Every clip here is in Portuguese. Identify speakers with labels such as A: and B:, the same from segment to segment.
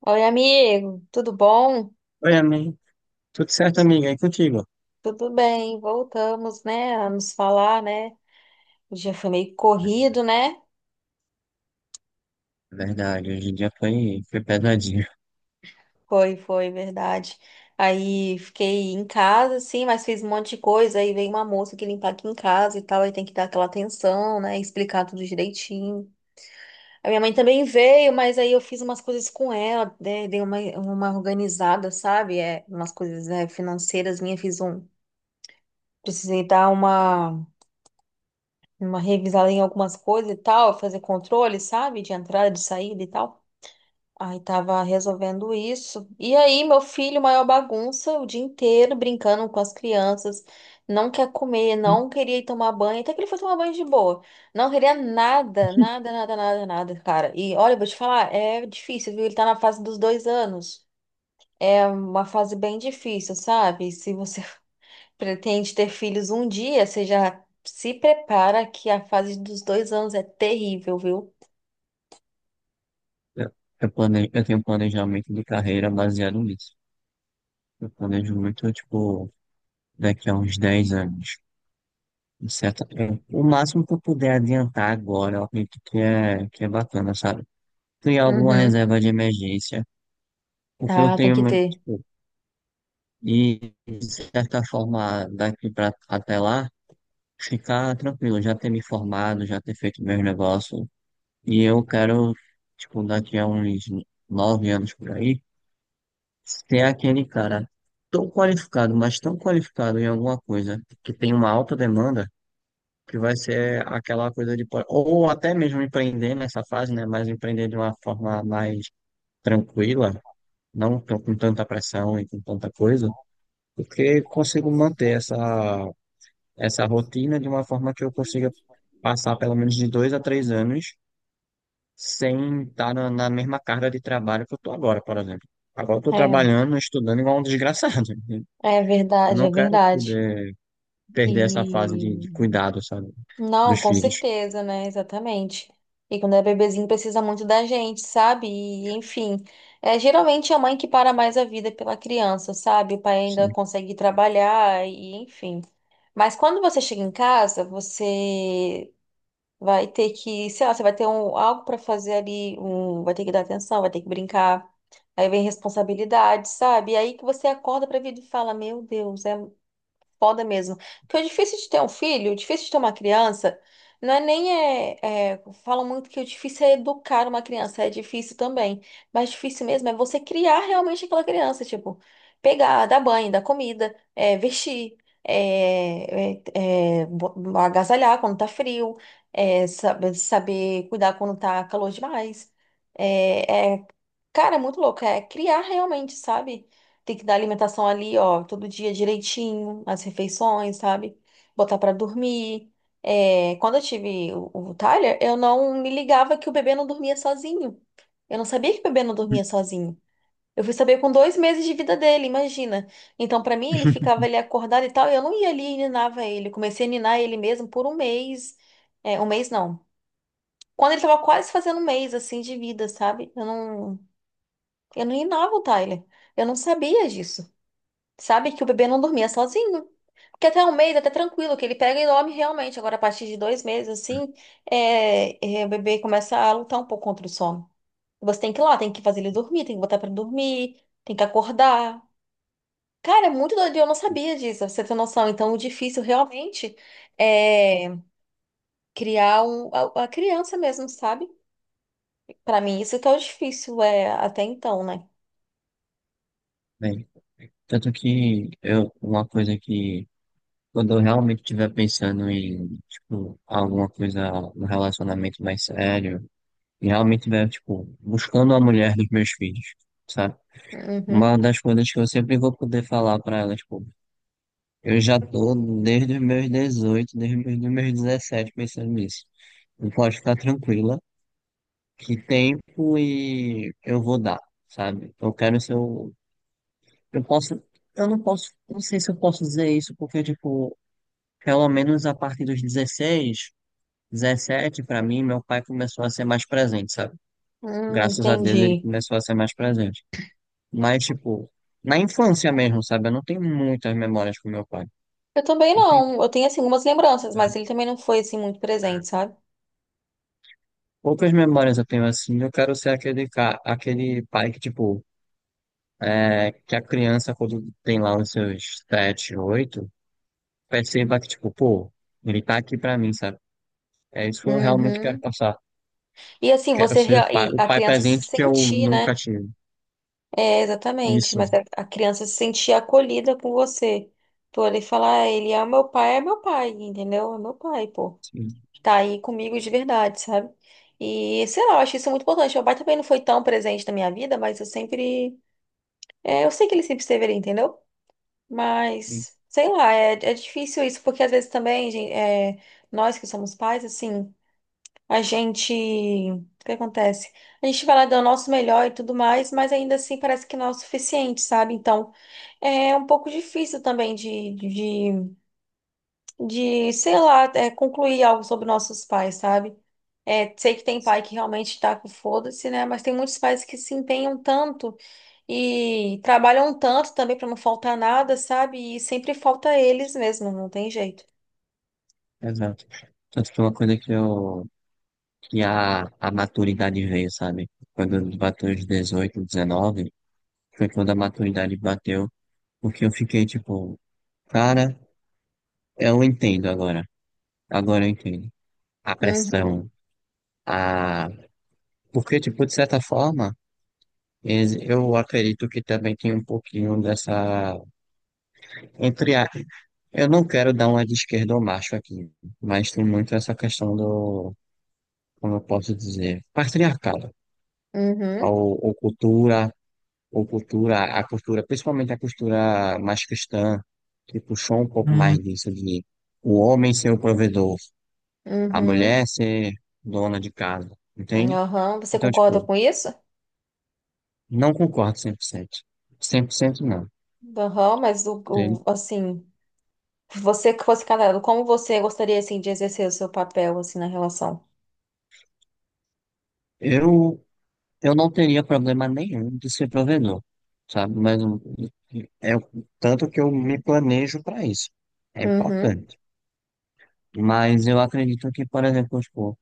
A: Oi, amigo, tudo bom?
B: Oi, amigo. Tudo certo, amiga? E contigo?
A: Tudo bem, voltamos, né, a nos falar, né? O dia foi meio corrido, né?
B: Verdade, hoje em dia foi pesadinho.
A: Foi, foi, verdade. Aí fiquei em casa, sim, mas fiz um monte de coisa. Aí veio uma moça que limpar aqui em casa e tal, aí tem que dar aquela atenção, né? Explicar tudo direitinho. A minha mãe também veio, mas aí eu fiz umas coisas com ela, né, dei uma organizada, sabe? É, umas coisas, né, financeiras minhas, fiz um. Precisei dar uma revisada em algumas coisas e tal, fazer controle, sabe? De entrada, de saída e tal. Aí tava resolvendo isso. E aí, meu filho, maior bagunça o dia inteiro, brincando com as crianças. Não quer comer, não queria ir tomar banho. Até que ele foi tomar banho de boa. Não queria nada, nada, nada, nada, nada, cara. E olha, eu vou te falar, é difícil, viu? Ele tá na fase dos dois anos. É uma fase bem difícil, sabe? Se você pretende ter filhos um dia, você já se prepara que a fase dos dois anos é terrível, viu?
B: Eu, eu tenho um planejamento de carreira baseado nisso. Eu planejo muito, tipo, daqui a uns 10 anos. De certo? Eu- o máximo que eu puder adiantar agora, eu acredito que é bacana, sabe? Criar alguma
A: Uhum.
B: reserva de emergência, porque eu
A: Ah, tem
B: tenho,
A: que
B: muito,
A: ter.
B: tipo, e de certa forma, daqui pra, até lá, ficar tranquilo, já ter me formado, já ter feito meus negócios. E eu quero, tipo, daqui a uns 9 anos por aí, ser aquele cara tão qualificado, mas tão qualificado em alguma coisa que tem uma alta demanda, que vai ser aquela coisa. Ou até mesmo empreender nessa fase, né? Mas empreender de uma forma mais tranquila, não tão- com tanta pressão e com tanta coisa, porque consigo manter essa rotina de uma forma que eu consiga passar pelo menos de 2 a 3 anos, sem estar na mesma carga de trabalho que eu estou agora, por exemplo. Agora eu estou
A: É,
B: trabalhando, estudando igual um desgraçado.
A: é
B: Eu
A: verdade,
B: não
A: é
B: quero
A: verdade.
B: poder
A: E
B: perder essa fase de cuidado, sabe?
A: não,
B: Dos
A: com
B: filhos.
A: certeza, né? Exatamente. E quando é bebezinho precisa muito da gente, sabe? E enfim, é geralmente é a mãe que para mais a vida pela criança, sabe? O pai ainda
B: Sim.
A: consegue trabalhar e enfim. Mas quando você chega em casa, você vai ter que, sei lá, você vai ter um, algo para fazer ali, um, vai ter que dar atenção, vai ter que brincar. Aí vem responsabilidade, sabe? E aí que você acorda pra vida e fala, meu Deus, é foda mesmo. Porque o difícil de ter um filho, o difícil de ter uma criança, não é nem. É, falam muito que o difícil é educar uma criança, é difícil também. Mas difícil mesmo é você criar realmente aquela criança, tipo, pegar, dar banho, dar comida, vestir, agasalhar quando tá frio, é, saber cuidar quando tá calor demais. É, é, cara, é muito louco, é criar realmente, sabe? Tem que dar alimentação ali, ó, todo dia direitinho, as refeições, sabe? Botar pra dormir. É, quando eu tive o Tyler, eu não me ligava que o bebê não dormia sozinho. Eu não sabia que o bebê não dormia sozinho. Eu fui saber com dois meses de vida dele, imagina. Então, pra mim, ele ficava ali acordado e tal, e eu não ia ali e ninava ele. Eu comecei a ninar ele mesmo por um mês. É, um mês não. Quando ele tava quase fazendo um mês, assim, de vida, sabe? Eu não ninava o Tyler. Eu não sabia disso. Sabe que o bebê não dormia sozinho. Porque até um mês, até tranquilo, que ele pega e dorme realmente. Agora, a partir de dois meses, assim, o bebê começa a lutar um pouco contra o sono. Você tem que ir lá, tem que fazer ele dormir, tem que botar pra dormir, tem que acordar. Cara, é muito doido, e eu não sabia disso, pra você ter noção. Então, o difícil realmente é criar a criança mesmo, sabe? Pra mim, isso que é o difícil, é até então, né?
B: Bem, tanto que eu, uma coisa que quando eu realmente estiver pensando em, tipo, alguma coisa, um relacionamento mais sério, e realmente estiver, tipo, buscando a mulher dos meus filhos, sabe? Uma
A: Uhum.
B: das coisas que eu sempre vou poder falar pra ela, tipo, eu já tô desde os meus 18, desde os meus 17 pensando nisso. E pode ficar tranquila, que tempo e eu vou dar, sabe? Eu quero ser o. Eu posso. Eu não posso. Não sei se eu posso dizer isso, porque, tipo, pelo menos a partir dos 16, 17 pra mim, meu pai começou a ser mais presente, sabe? Graças a Deus ele
A: Entendi.
B: começou a ser mais presente. Mas, tipo, na infância mesmo, sabe? Eu não tenho muitas memórias com meu pai.
A: Eu também
B: Entendi,
A: não. Eu tenho, assim, algumas lembranças, mas
B: cara.
A: ele também não foi, assim, muito presente, sabe?
B: Poucas memórias eu tenho assim. Eu quero ser aquele, aquele pai que, tipo, é, que a criança, quando tem lá os seus sete, oito, perceba que, tipo, pô, ele tá aqui pra mim, sabe? É isso que eu realmente quero
A: Uhum.
B: passar.
A: E, assim,
B: Quero ser pai-
A: e
B: o
A: a
B: pai
A: criança se
B: presente que eu
A: sentir,
B: nunca
A: né?
B: tive.
A: É, exatamente.
B: Isso,
A: Mas a criança se sentir acolhida com você. Pô, ele falar, "Ah, ele é meu pai, entendeu? É meu pai, pô.
B: sim,
A: Tá aí comigo de verdade, sabe?" E, sei lá, eu acho isso muito importante. Meu pai também não foi tão presente na minha vida, mas eu sempre, é, eu sei que ele sempre esteve ali, entendeu?
B: sim,
A: Mas, sei lá, é, difícil isso, porque às vezes também, nós que somos pais, assim, a gente. O que acontece? A gente vai lá dar o nosso melhor e tudo mais, mas ainda assim parece que não é o suficiente, sabe? Então, é um pouco difícil também de, de sei lá, concluir algo sobre nossos pais, sabe? É, sei que tem pai que realmente tá com foda-se, né? Mas tem muitos pais que se empenham tanto. E trabalham tanto também para não faltar nada, sabe? E sempre falta eles mesmo, não tem jeito.
B: exato. Tanto que é uma coisa que eu, que a maturidade veio, sabe? Quando eu bateu os 18, 19 foi quando a maturidade bateu, porque eu fiquei, tipo, cara. Eu entendo agora. Agora eu entendo. A
A: Uhum,
B: pressão. A. Porque, tipo, de certa forma, eu acredito que também tem um pouquinho dessa. Entre a. Eu não quero dar uma de esquerda ou macho aqui, mas tem muito essa questão do. Como eu posso dizer? Patriarcado.
A: uhum,
B: Ou cultura, ou cultura, a cultura, principalmente a cultura mais cristã, que puxou um pouco mais
A: hum,
B: disso de o homem ser o provedor, a
A: uhum,
B: mulher ser dona de casa, entende?
A: aham. Você
B: Então,
A: concorda
B: tipo,
A: com isso?
B: não concordo cem por cento não.
A: Aham, mas
B: Entende?
A: assim, você que fosse casado, como você gostaria assim de exercer o seu papel assim na relação?
B: Eu, eu não teria problema nenhum de ser provedor, sabe? Mas é o tanto que eu me planejo para isso. É
A: Uhum,
B: importante. Mas eu acredito que, por exemplo, tipo,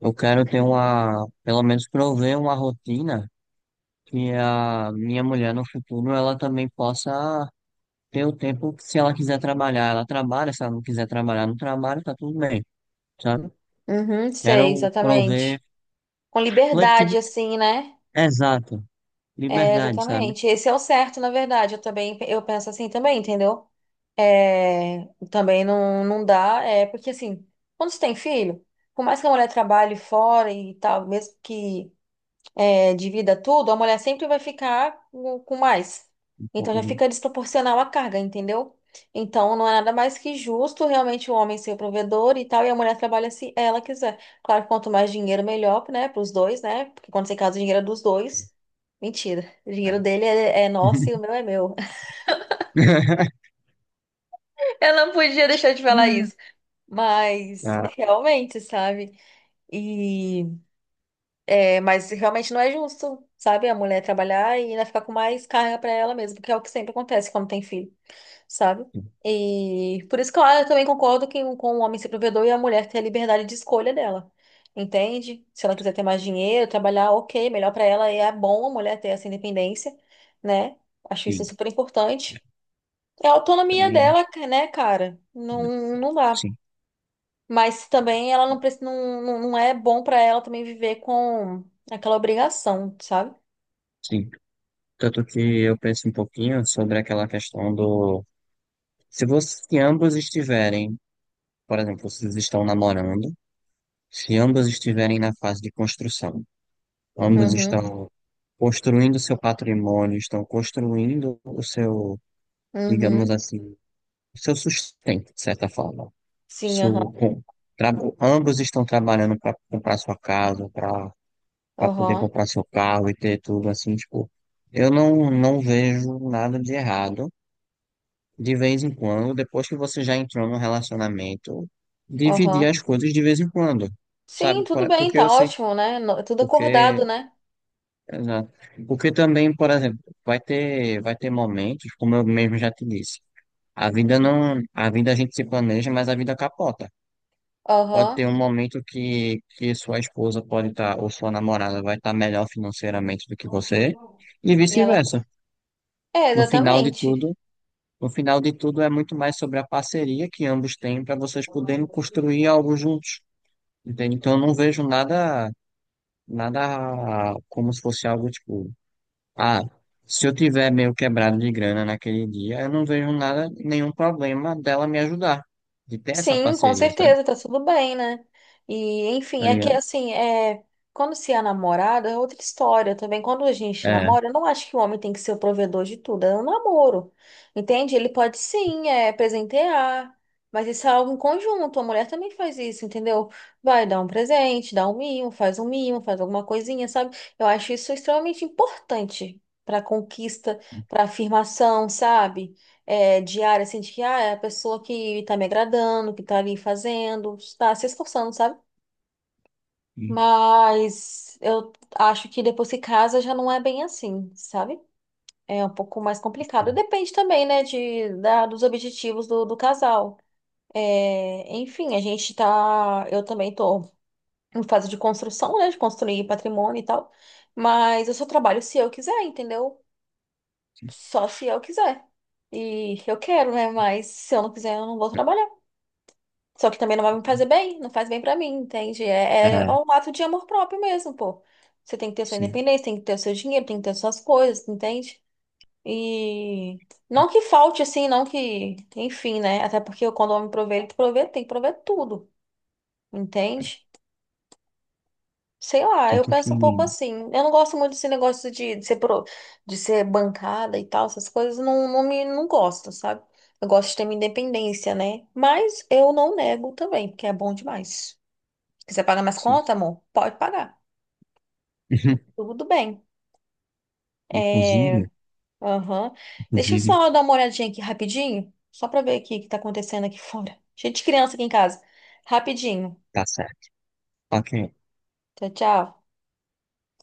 B: eu quero ter uma, pelo menos prover uma rotina que a minha mulher no futuro ela também possa ter o tempo que se ela quiser trabalhar, ela trabalha, se ela não quiser trabalhar, não trabalha, tá tudo bem, sabe?
A: uhum, sei,
B: Quero prover
A: exatamente. Com liberdade
B: flexibilidade.
A: assim, né?
B: Exato.
A: É,
B: Liberdade, sabe?
A: exatamente. Esse é o certo, na verdade. Eu também, eu penso assim também, entendeu? É, também não, não dá, é porque assim, quando você tem filho, por mais que a mulher trabalhe fora e tal, mesmo que divida tudo, a mulher sempre vai ficar com mais.
B: Um
A: Então
B: pouco,
A: já
B: né?
A: fica desproporcional a carga, entendeu? Então não é nada mais que justo realmente o homem ser o provedor e tal, e a mulher trabalha se ela quiser. Claro que quanto mais dinheiro, melhor, né, para os dois, né? Porque quando você casa, o dinheiro é dos dois. Mentira, o dinheiro dele é nosso e o meu é meu. Eu não podia deixar de falar isso. Mas
B: Ah,
A: realmente, sabe? E. É, mas realmente não é justo, sabe? A mulher trabalhar e ainda ficar com mais carga pra ela mesma, porque é o que sempre acontece quando tem filho, sabe? E por isso que eu também concordo que, com o homem ser provedor e a mulher ter a liberdade de escolha dela, entende? Se ela quiser ter mais dinheiro, trabalhar, ok, melhor pra ela, e é bom a mulher ter essa independência, né? Acho isso
B: sim.
A: super
B: É,
A: importante. É a autonomia
B: também.
A: dela, né, cara? Não, não dá.
B: Sim,
A: Mas também ela não, não, não não é bom pra ela também viver com aquela obrigação, sabe?
B: sim. Tanto que eu penso um pouquinho sobre aquela questão do. Se você, se ambos estiverem, por exemplo, vocês estão namorando, se ambos estiverem na fase de construção, ambos
A: Uhum,
B: estão construindo seu patrimônio, estão construindo o seu, digamos
A: uhum.
B: assim, o seu sustento, de certa forma.
A: Sim,
B: Su-
A: aham,
B: com- tra- ambos estão trabalhando para comprar sua casa, para poder
A: aham,
B: comprar seu carro e ter tudo assim, tipo, eu não vejo nada de errado. De vez em quando, depois que você já entrou no relacionamento, dividir
A: aham.
B: as coisas de vez em quando,
A: Sim,
B: sabe?
A: tudo
B: Por-
A: bem,
B: Porque
A: tá
B: eu sei,
A: ótimo, né? Tudo acordado,
B: porque,
A: né?
B: exato. Porque também, por exemplo, vai ter momentos, como eu mesmo já te disse, a vida não, a vida a gente se planeja, mas a vida capota. Pode ter
A: Aham.
B: um momento que sua esposa pode estar, ou sua namorada vai estar melhor financeiramente do que você, e
A: E ela.
B: vice-versa.
A: É,
B: No final de
A: exatamente.
B: tudo, no final de tudo é muito mais sobre a parceria que ambos têm para vocês poderem construir algo juntos. Entende? Então eu não vejo nada como se fosse algo tipo, ah, se eu tiver meio quebrado de grana naquele dia, eu não vejo nada, nenhum problema dela me ajudar, de ter essa
A: Sim, com
B: parceria, sabe?
A: certeza, tá tudo bem, né? E, enfim,
B: Tá
A: é que
B: ligado?
A: assim, quando se é namorado é outra história também. Quando a gente
B: É.
A: namora, eu não acho que o homem tem que ser o provedor de tudo, é um namoro, entende? Ele pode sim, presentear, mas isso é algo em conjunto, a mulher também faz isso, entendeu? Vai dar um presente, dá um mimo, faz alguma coisinha, sabe? Eu acho isso extremamente importante pra conquista, pra afirmação, sabe? É, diária, assim, de que ah, é a pessoa que tá me agradando, que tá ali fazendo, tá se esforçando, sabe? Mas eu acho que depois que casa já não é bem assim, sabe? É um pouco mais complicado. Depende também, né, de, da, dos objetivos do casal. É, enfim, a gente tá. Eu também tô em fase de construção, né, de construir patrimônio e tal. Mas eu só trabalho se eu quiser, entendeu? Só se eu quiser. E eu quero, né? Mas se eu não quiser, eu não vou trabalhar. Só que também não vai me fazer bem, não faz bem pra mim, entende? É
B: É.
A: um ato de amor próprio mesmo, pô. Você tem que ter sua
B: Sim,
A: independência, tem que ter o seu dinheiro, tem que ter suas coisas, entende? E não que falte assim, não que, enfim, né? Até porque quando o homem provê, ele provê, tem que prover tudo, entende? Sei lá, eu
B: tanto que,
A: penso um pouco assim. Eu não gosto muito desse negócio de de ser bancada e tal, essas coisas, não, não me não gosto, sabe? Eu gosto de ter minha independência, né? Mas eu não nego também, porque é bom demais. Precisa pagar mais
B: sim.
A: conta, amor? Pode pagar. Tudo bem. É,
B: Inclusive,
A: aham. Deixa eu
B: inclusive,
A: só dar uma olhadinha aqui rapidinho, só pra ver aqui o que tá acontecendo aqui fora. Cheio de criança aqui em casa. Rapidinho.
B: tá certo. Ok,
A: Tchau, tchau.